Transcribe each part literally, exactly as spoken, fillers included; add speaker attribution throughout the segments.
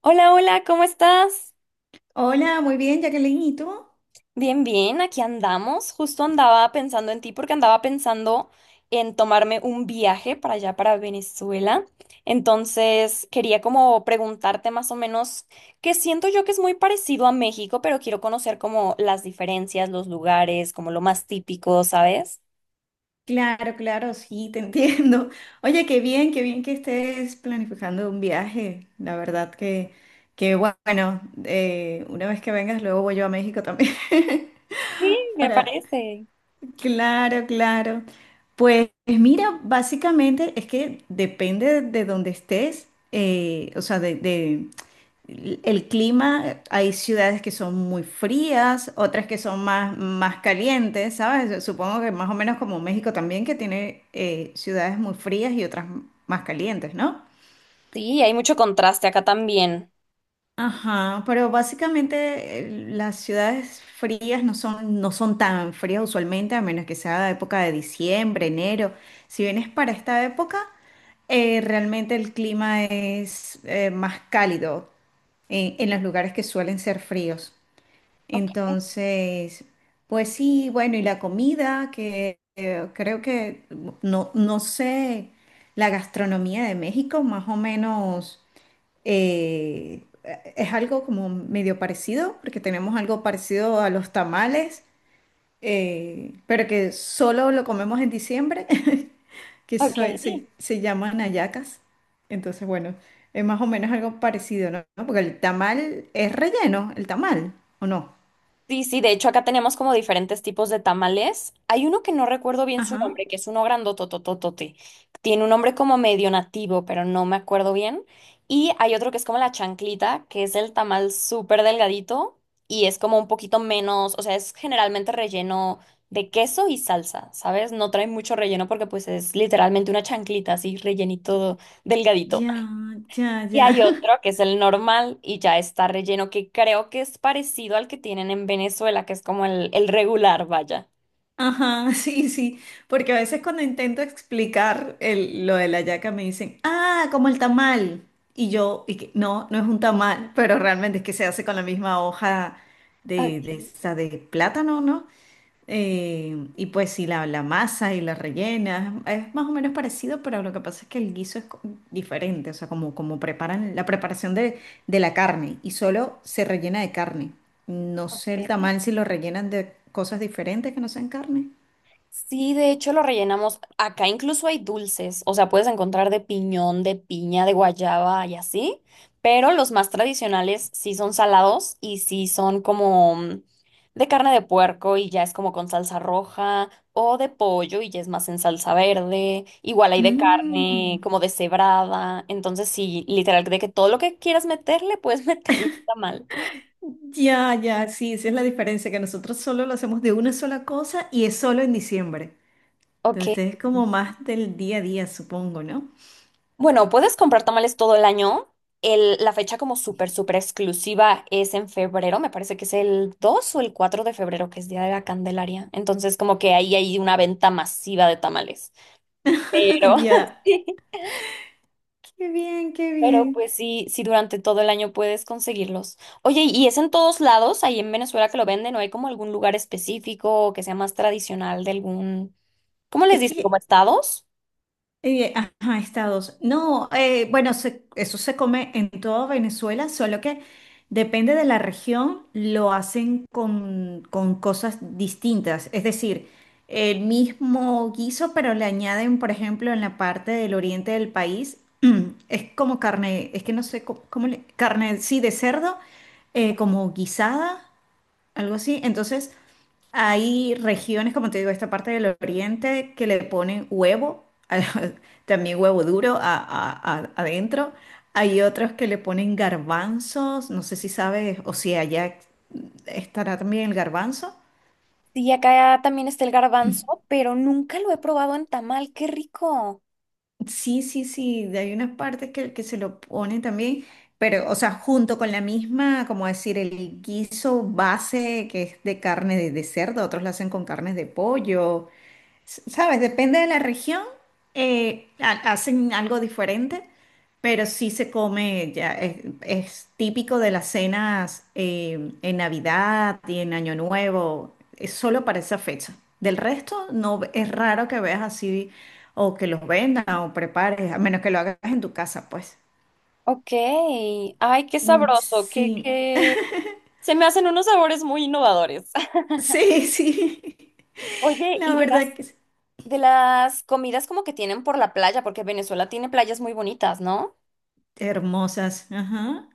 Speaker 1: Hola, hola, ¿cómo estás?
Speaker 2: Hola, muy bien, Jacqueline, ¿y tú?
Speaker 1: Bien, bien, aquí andamos. Justo andaba pensando en ti porque andaba pensando en tomarme un viaje para allá, para Venezuela. Entonces, quería como preguntarte más o menos, que siento yo que es muy parecido a México, pero quiero conocer como las diferencias, los lugares, como lo más típico, ¿sabes?
Speaker 2: Claro, claro, sí, te entiendo. Oye, qué bien, qué bien que estés planificando un viaje. La verdad que, que bueno, eh, una vez que vengas, luego voy yo a México también.
Speaker 1: Sí, me
Speaker 2: Ahora,
Speaker 1: parece.
Speaker 2: claro, claro. Pues mira, básicamente es que depende de donde estés, eh, o sea, de. El clima, hay ciudades que son muy frías, otras que son más, más calientes, ¿sabes? Supongo que más o menos como México también, que tiene eh, ciudades muy frías y otras más calientes, ¿no?
Speaker 1: Sí, hay mucho contraste acá también.
Speaker 2: Ajá, pero básicamente eh, las ciudades frías no son, no son tan frías usualmente, a menos que sea época de diciembre, enero. Si vienes para esta época, eh, realmente el clima es eh, más cálido en en los lugares que suelen ser fríos.
Speaker 1: Ok,
Speaker 2: Entonces, pues sí, bueno, y la comida, que eh, creo que no, no sé, la gastronomía de México más o menos eh, es algo como medio parecido, porque tenemos algo parecido a los tamales, eh, pero que solo lo comemos en diciembre, que
Speaker 1: ok.
Speaker 2: so- se, se llaman hallacas. Entonces, bueno, es más o menos algo parecido, ¿no? Porque el tamal es relleno, el tamal, ¿o no?
Speaker 1: Sí, sí, de hecho acá tenemos como diferentes tipos de tamales. Hay uno que no recuerdo bien su
Speaker 2: Ajá.
Speaker 1: nombre, que es uno grandotototote. Tiene un nombre como medio nativo, pero no me acuerdo bien. Y hay otro que es como la chanclita, que es el tamal súper delgadito y es como un poquito menos, o sea, es generalmente relleno de queso y salsa, ¿sabes? No trae mucho relleno porque pues es literalmente una chanclita así, rellenito delgadito.
Speaker 2: Ya, ya,
Speaker 1: Y
Speaker 2: ya.
Speaker 1: hay otro que es el normal y ya está relleno, que creo que es parecido al que tienen en Venezuela, que es como el, el regular, vaya.
Speaker 2: Ajá, sí, sí. Porque a veces cuando intento explicar el- lo de la yaca me dicen, ah, como el tamal. Y yo, y que, no, no es un tamal, pero realmente es que se hace con la misma hoja de, de
Speaker 1: Ok,
Speaker 2: esa de plátano, ¿no? Eh, y pues si la, la masa y la rellena es, es más o menos parecido, pero lo que pasa es que el guiso es co- diferente, o sea, como, como preparan la preparación de, de la carne y solo se rellena de carne. No sé el
Speaker 1: ok.
Speaker 2: tamal si lo rellenan de cosas diferentes que no sean carne.
Speaker 1: Sí, de hecho lo rellenamos. Acá incluso hay dulces, o sea, puedes encontrar de piñón, de piña, de guayaba y así, pero los más tradicionales sí son salados y sí son como mm, de carne de puerco y ya es como con salsa roja o de pollo y ya es más en salsa verde. Igual hay de carne
Speaker 2: Mm,
Speaker 1: como deshebrada, entonces sí, literal, de que todo lo que quieras meterle, puedes meterle está mal.
Speaker 2: ya, ya, sí, esa es la diferencia, que nosotros solo lo hacemos de una sola cosa y es solo en diciembre. Entonces
Speaker 1: Ok.
Speaker 2: ustedes como más del día a día, supongo, ¿no?
Speaker 1: Bueno, puedes comprar tamales todo el año. El- la fecha como súper, súper exclusiva es en febrero. Me parece que es el dos o el cuatro de febrero, que es Día de la Candelaria. Entonces, como que ahí hay una venta masiva de tamales. Pero,
Speaker 2: Ya,
Speaker 1: sí,
Speaker 2: qué bien, qué
Speaker 1: pero
Speaker 2: bien.
Speaker 1: pues sí, sí, durante todo el año puedes conseguirlos. Oye, ¿y es en todos lados, ahí en Venezuela que lo venden? ¿O hay como algún lugar específico que sea más tradicional de algún... ¿Cómo les
Speaker 2: Es
Speaker 1: dicen? ¿Como
Speaker 2: que
Speaker 1: estados?
Speaker 2: Eh, ajá, estados. No, eh, bueno, se- eso se come en toda Venezuela, solo que depende de la región, lo hacen con, con cosas distintas. Es decir, el mismo guiso, pero le añaden, por ejemplo, en la parte del oriente del país, es como carne, es que no sé cómo, cómo le- carne, sí, de cerdo, eh, como guisada, algo así. Entonces, hay regiones, como te digo, esta parte del oriente que le ponen huevo, también huevo duro a- a- a- adentro. Hay otros que le ponen garbanzos, no sé si sabes o si allá estará también el garbanzo.
Speaker 1: Sí, acá también está el garbanzo, pero nunca lo he probado en tamal. ¡Qué rico!
Speaker 2: Sí, sí, sí, hay unas partes que, que se lo ponen también, pero, o sea, junto con la misma, como decir, el guiso base que es de carne de, de cerdo, otros lo hacen con carnes de pollo. S- Sabes, depende de la región, eh, ha- hacen algo diferente, pero sí se come, ya es, es típico de las cenas eh, en Navidad y en Año Nuevo, es solo para esa fecha. Del resto, no ve- es raro que veas así o que los vendan o prepares, a menos que lo hagas en tu casa, pues.
Speaker 1: Ok, ay, qué
Speaker 2: Mm,
Speaker 1: sabroso, qué,
Speaker 2: sí,
Speaker 1: qué... Se me hacen unos sabores muy innovadores.
Speaker 2: sí, sí.
Speaker 1: Oye,
Speaker 2: La
Speaker 1: y de las,
Speaker 2: verdad que sí.
Speaker 1: de las comidas como que tienen por la playa, porque Venezuela tiene playas muy bonitas, ¿no?
Speaker 2: Hermosas, ajá.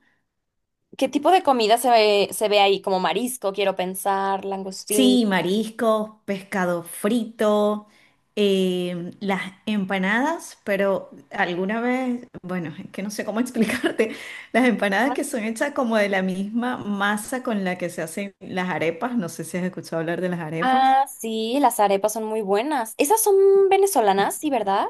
Speaker 1: ¿Qué tipo de comida se ve, se ve ahí? Como marisco, quiero pensar, langostín.
Speaker 2: Sí, mariscos, pescado frito, em, las empanadas, pero alguna vez, bueno, es que no sé cómo explicarte, las empanadas que son hechas como de la misma masa con la que se hacen las arepas, no sé si has escuchado hablar de las arepas.
Speaker 1: Ah, sí, las arepas son muy buenas. Esas son venezolanas, sí, ¿verdad?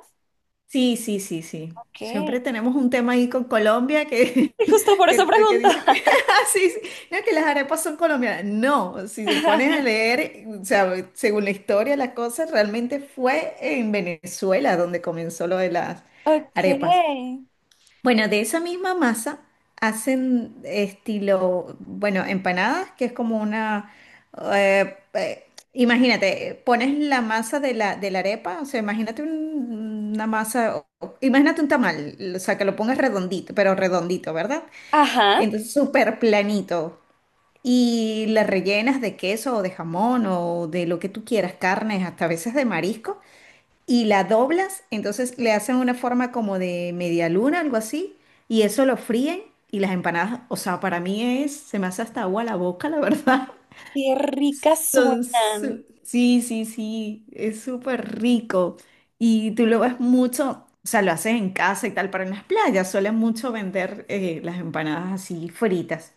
Speaker 2: Sí, sí, sí, sí.
Speaker 1: Ok. Y
Speaker 2: Siempre tenemos un tema ahí con Colombia que,
Speaker 1: justo por esa
Speaker 2: que, que- que dicen,
Speaker 1: pregunta.
Speaker 2: "Ah, sí, sí, no, que las arepas son colombianas. No, si se ponen a leer, o sea, según la historia, la cosa realmente fue en Venezuela donde comenzó lo de las
Speaker 1: Ok.
Speaker 2: arepas. Bueno, de esa misma masa hacen estilo, bueno, empanadas, que es como una, eh, eh, imagínate, pones la masa de la, de la arepa, o sea, imagínate un- una masa, o- imagínate un tamal, o sea, que lo pongas redondito, pero redondito, ¿verdad?
Speaker 1: Ajá.
Speaker 2: Entonces, súper planito. Y la rellenas de queso o de jamón o de lo que tú quieras, carnes, hasta a veces de marisco y la doblas, entonces le hacen una forma como de media luna, algo así, y eso lo fríen y las empanadas, o sea, para mí es, se me hace hasta agua la boca, la verdad.
Speaker 1: Qué ricas
Speaker 2: Son
Speaker 1: suenan.
Speaker 2: su- sí, sí, sí, es súper rico. Y tú lo ves mucho, o sea, lo haces en casa y tal, pero en las playas suelen mucho vender eh, las empanadas así fritas.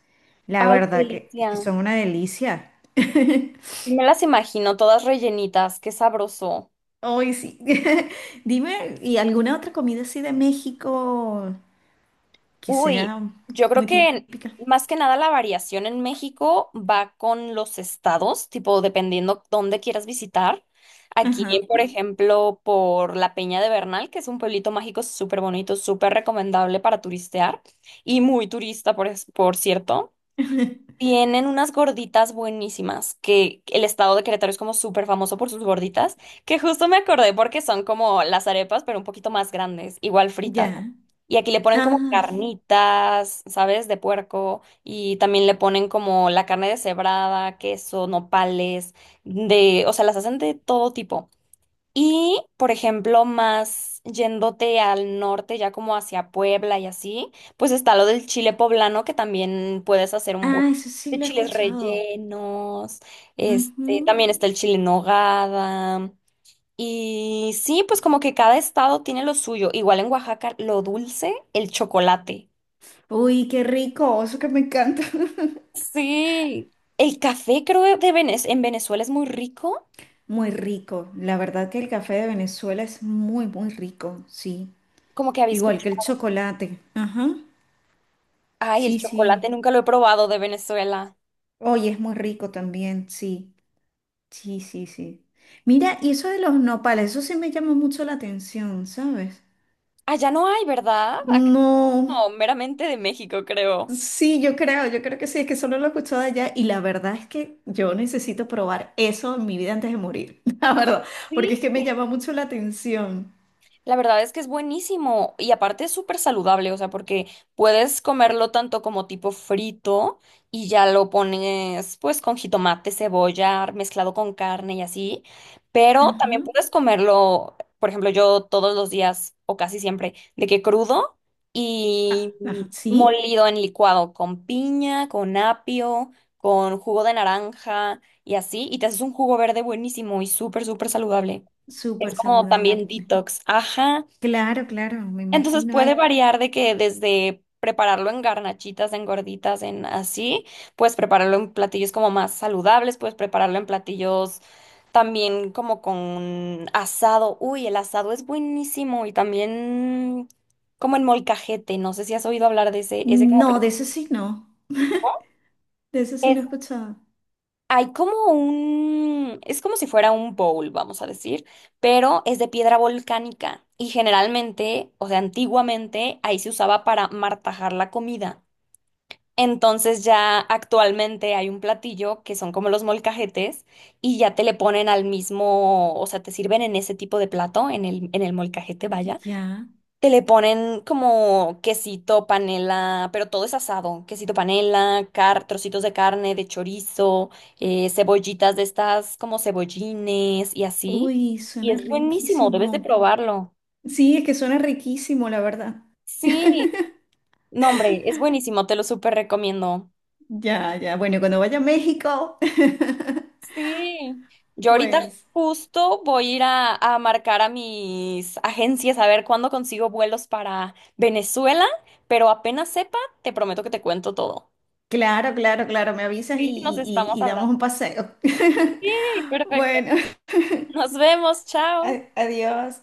Speaker 2: La
Speaker 1: Ay, qué
Speaker 2: verdad que, que
Speaker 1: delicia.
Speaker 2: son una delicia.
Speaker 1: Y me las imagino todas rellenitas, qué sabroso.
Speaker 2: Hoy sí. Dime, ¿y alguna otra comida así de México que
Speaker 1: Uy,
Speaker 2: sea
Speaker 1: yo creo
Speaker 2: muy
Speaker 1: que
Speaker 2: típica?
Speaker 1: más que nada la variación en México va con los estados, tipo dependiendo dónde quieras visitar. Aquí,
Speaker 2: Ajá.
Speaker 1: por ejemplo, por la Peña de Bernal, que es un pueblito mágico súper bonito, súper recomendable para turistear y muy turista, por, es- por cierto. Tienen unas gorditas buenísimas, que el estado de Querétaro es como súper famoso por sus gorditas, que justo me acordé porque son como las arepas, pero un poquito más grandes, igual fritas.
Speaker 2: Ya.
Speaker 1: Y aquí le ponen como
Speaker 2: Ay,
Speaker 1: carnitas, ¿sabes? De puerco, y también le ponen como la carne deshebrada, queso, nopales, de, o sea, las hacen de todo tipo. Y, por ejemplo, más yéndote al norte, ya como hacia Puebla y así, pues está lo del chile poblano, que también puedes hacer un buen
Speaker 2: ah, eso sí
Speaker 1: de
Speaker 2: lo he
Speaker 1: chiles
Speaker 2: escuchado.
Speaker 1: rellenos, este,
Speaker 2: Ujú.
Speaker 1: también está el chile en nogada. Y sí, pues como que cada estado tiene lo suyo. Igual en Oaxaca, lo dulce, el chocolate.
Speaker 2: Uy, qué rico, eso que me encanta.
Speaker 1: Sí. El café, creo, de Venez- en Venezuela es muy rico.
Speaker 2: Muy rico. La verdad que el café de Venezuela es muy, muy rico, sí.
Speaker 1: Como que había
Speaker 2: Igual que el
Speaker 1: escuchado.
Speaker 2: chocolate. Ajá.
Speaker 1: Ay, el
Speaker 2: Sí,
Speaker 1: chocolate
Speaker 2: sí.
Speaker 1: nunca lo he probado de Venezuela.
Speaker 2: Oye, es muy rico también, sí. Sí, sí, sí. Mira, y eso de los nopales, eso sí me llama mucho la atención, ¿sabes?
Speaker 1: Allá no hay, ¿verdad? Acá
Speaker 2: No.
Speaker 1: no, meramente de México, creo.
Speaker 2: Sí, yo creo, yo creo que sí, es que solo lo he escuchado allá y la verdad es que yo necesito probar eso en mi vida antes de morir, la verdad, porque
Speaker 1: Sí.
Speaker 2: es que me llama mucho la atención.
Speaker 1: La verdad es que es buenísimo y aparte es súper saludable, o sea, porque puedes comerlo tanto como tipo frito y ya lo pones pues con jitomate, cebolla, mezclado con carne y así, pero también
Speaker 2: Ajá.
Speaker 1: puedes comerlo, por ejemplo, yo todos los días o casi siempre, de que crudo
Speaker 2: Ah,
Speaker 1: y
Speaker 2: ajá. Sí,
Speaker 1: molido en licuado con piña, con apio, con jugo de naranja y así, y te haces un jugo verde buenísimo y súper, súper saludable. Es
Speaker 2: súper
Speaker 1: como
Speaker 2: saludable.
Speaker 1: también detox. Ajá.
Speaker 2: Claro, claro, me
Speaker 1: Entonces
Speaker 2: imagino.
Speaker 1: puede
Speaker 2: Ay,
Speaker 1: variar de que desde prepararlo en garnachitas, en gorditas, en así, puedes prepararlo en platillos como más saludables, puedes prepararlo en platillos también como con asado. Uy, el asado es buenísimo y también como en molcajete, no sé si has oído hablar de ese, ese como
Speaker 2: no, de eso sí no,
Speaker 1: platillo.
Speaker 2: de eso sí no he escuchado.
Speaker 1: Hay como un, es como si fuera un bowl, vamos a decir, pero es de piedra volcánica y generalmente, o sea, antiguamente ahí se usaba para martajar la comida. Entonces ya actualmente hay un platillo que son como los molcajetes y ya te le ponen al mismo, o sea, te sirven en ese tipo de plato, en el, en el molcajete, vaya.
Speaker 2: Ya.
Speaker 1: Que le ponen como quesito, panela, pero todo es asado. Quesito, panela, car trocitos de carne, de chorizo, eh, cebollitas de estas como cebollines y así.
Speaker 2: Uy,
Speaker 1: Y
Speaker 2: suena
Speaker 1: es buenísimo, debes de
Speaker 2: riquísimo.
Speaker 1: probarlo.
Speaker 2: Sí, es que suena riquísimo, la verdad.
Speaker 1: Sí, no, hombre, es buenísimo, te lo súper recomiendo.
Speaker 2: Ya, ya. Bueno, cuando vaya a México,
Speaker 1: Sí. Yo ahorita
Speaker 2: pues.
Speaker 1: justo voy a ir a, a marcar a mis agencias a ver cuándo consigo vuelos para Venezuela, pero apenas sepa, te prometo que te cuento todo.
Speaker 2: Claro, claro, claro, me avisas y,
Speaker 1: Sí, nos
Speaker 2: y-
Speaker 1: estamos
Speaker 2: y- y damos
Speaker 1: hablando.
Speaker 2: un paseo.
Speaker 1: Sí, perfecto.
Speaker 2: Bueno,
Speaker 1: Nos vemos, chao.
Speaker 2: a- adiós.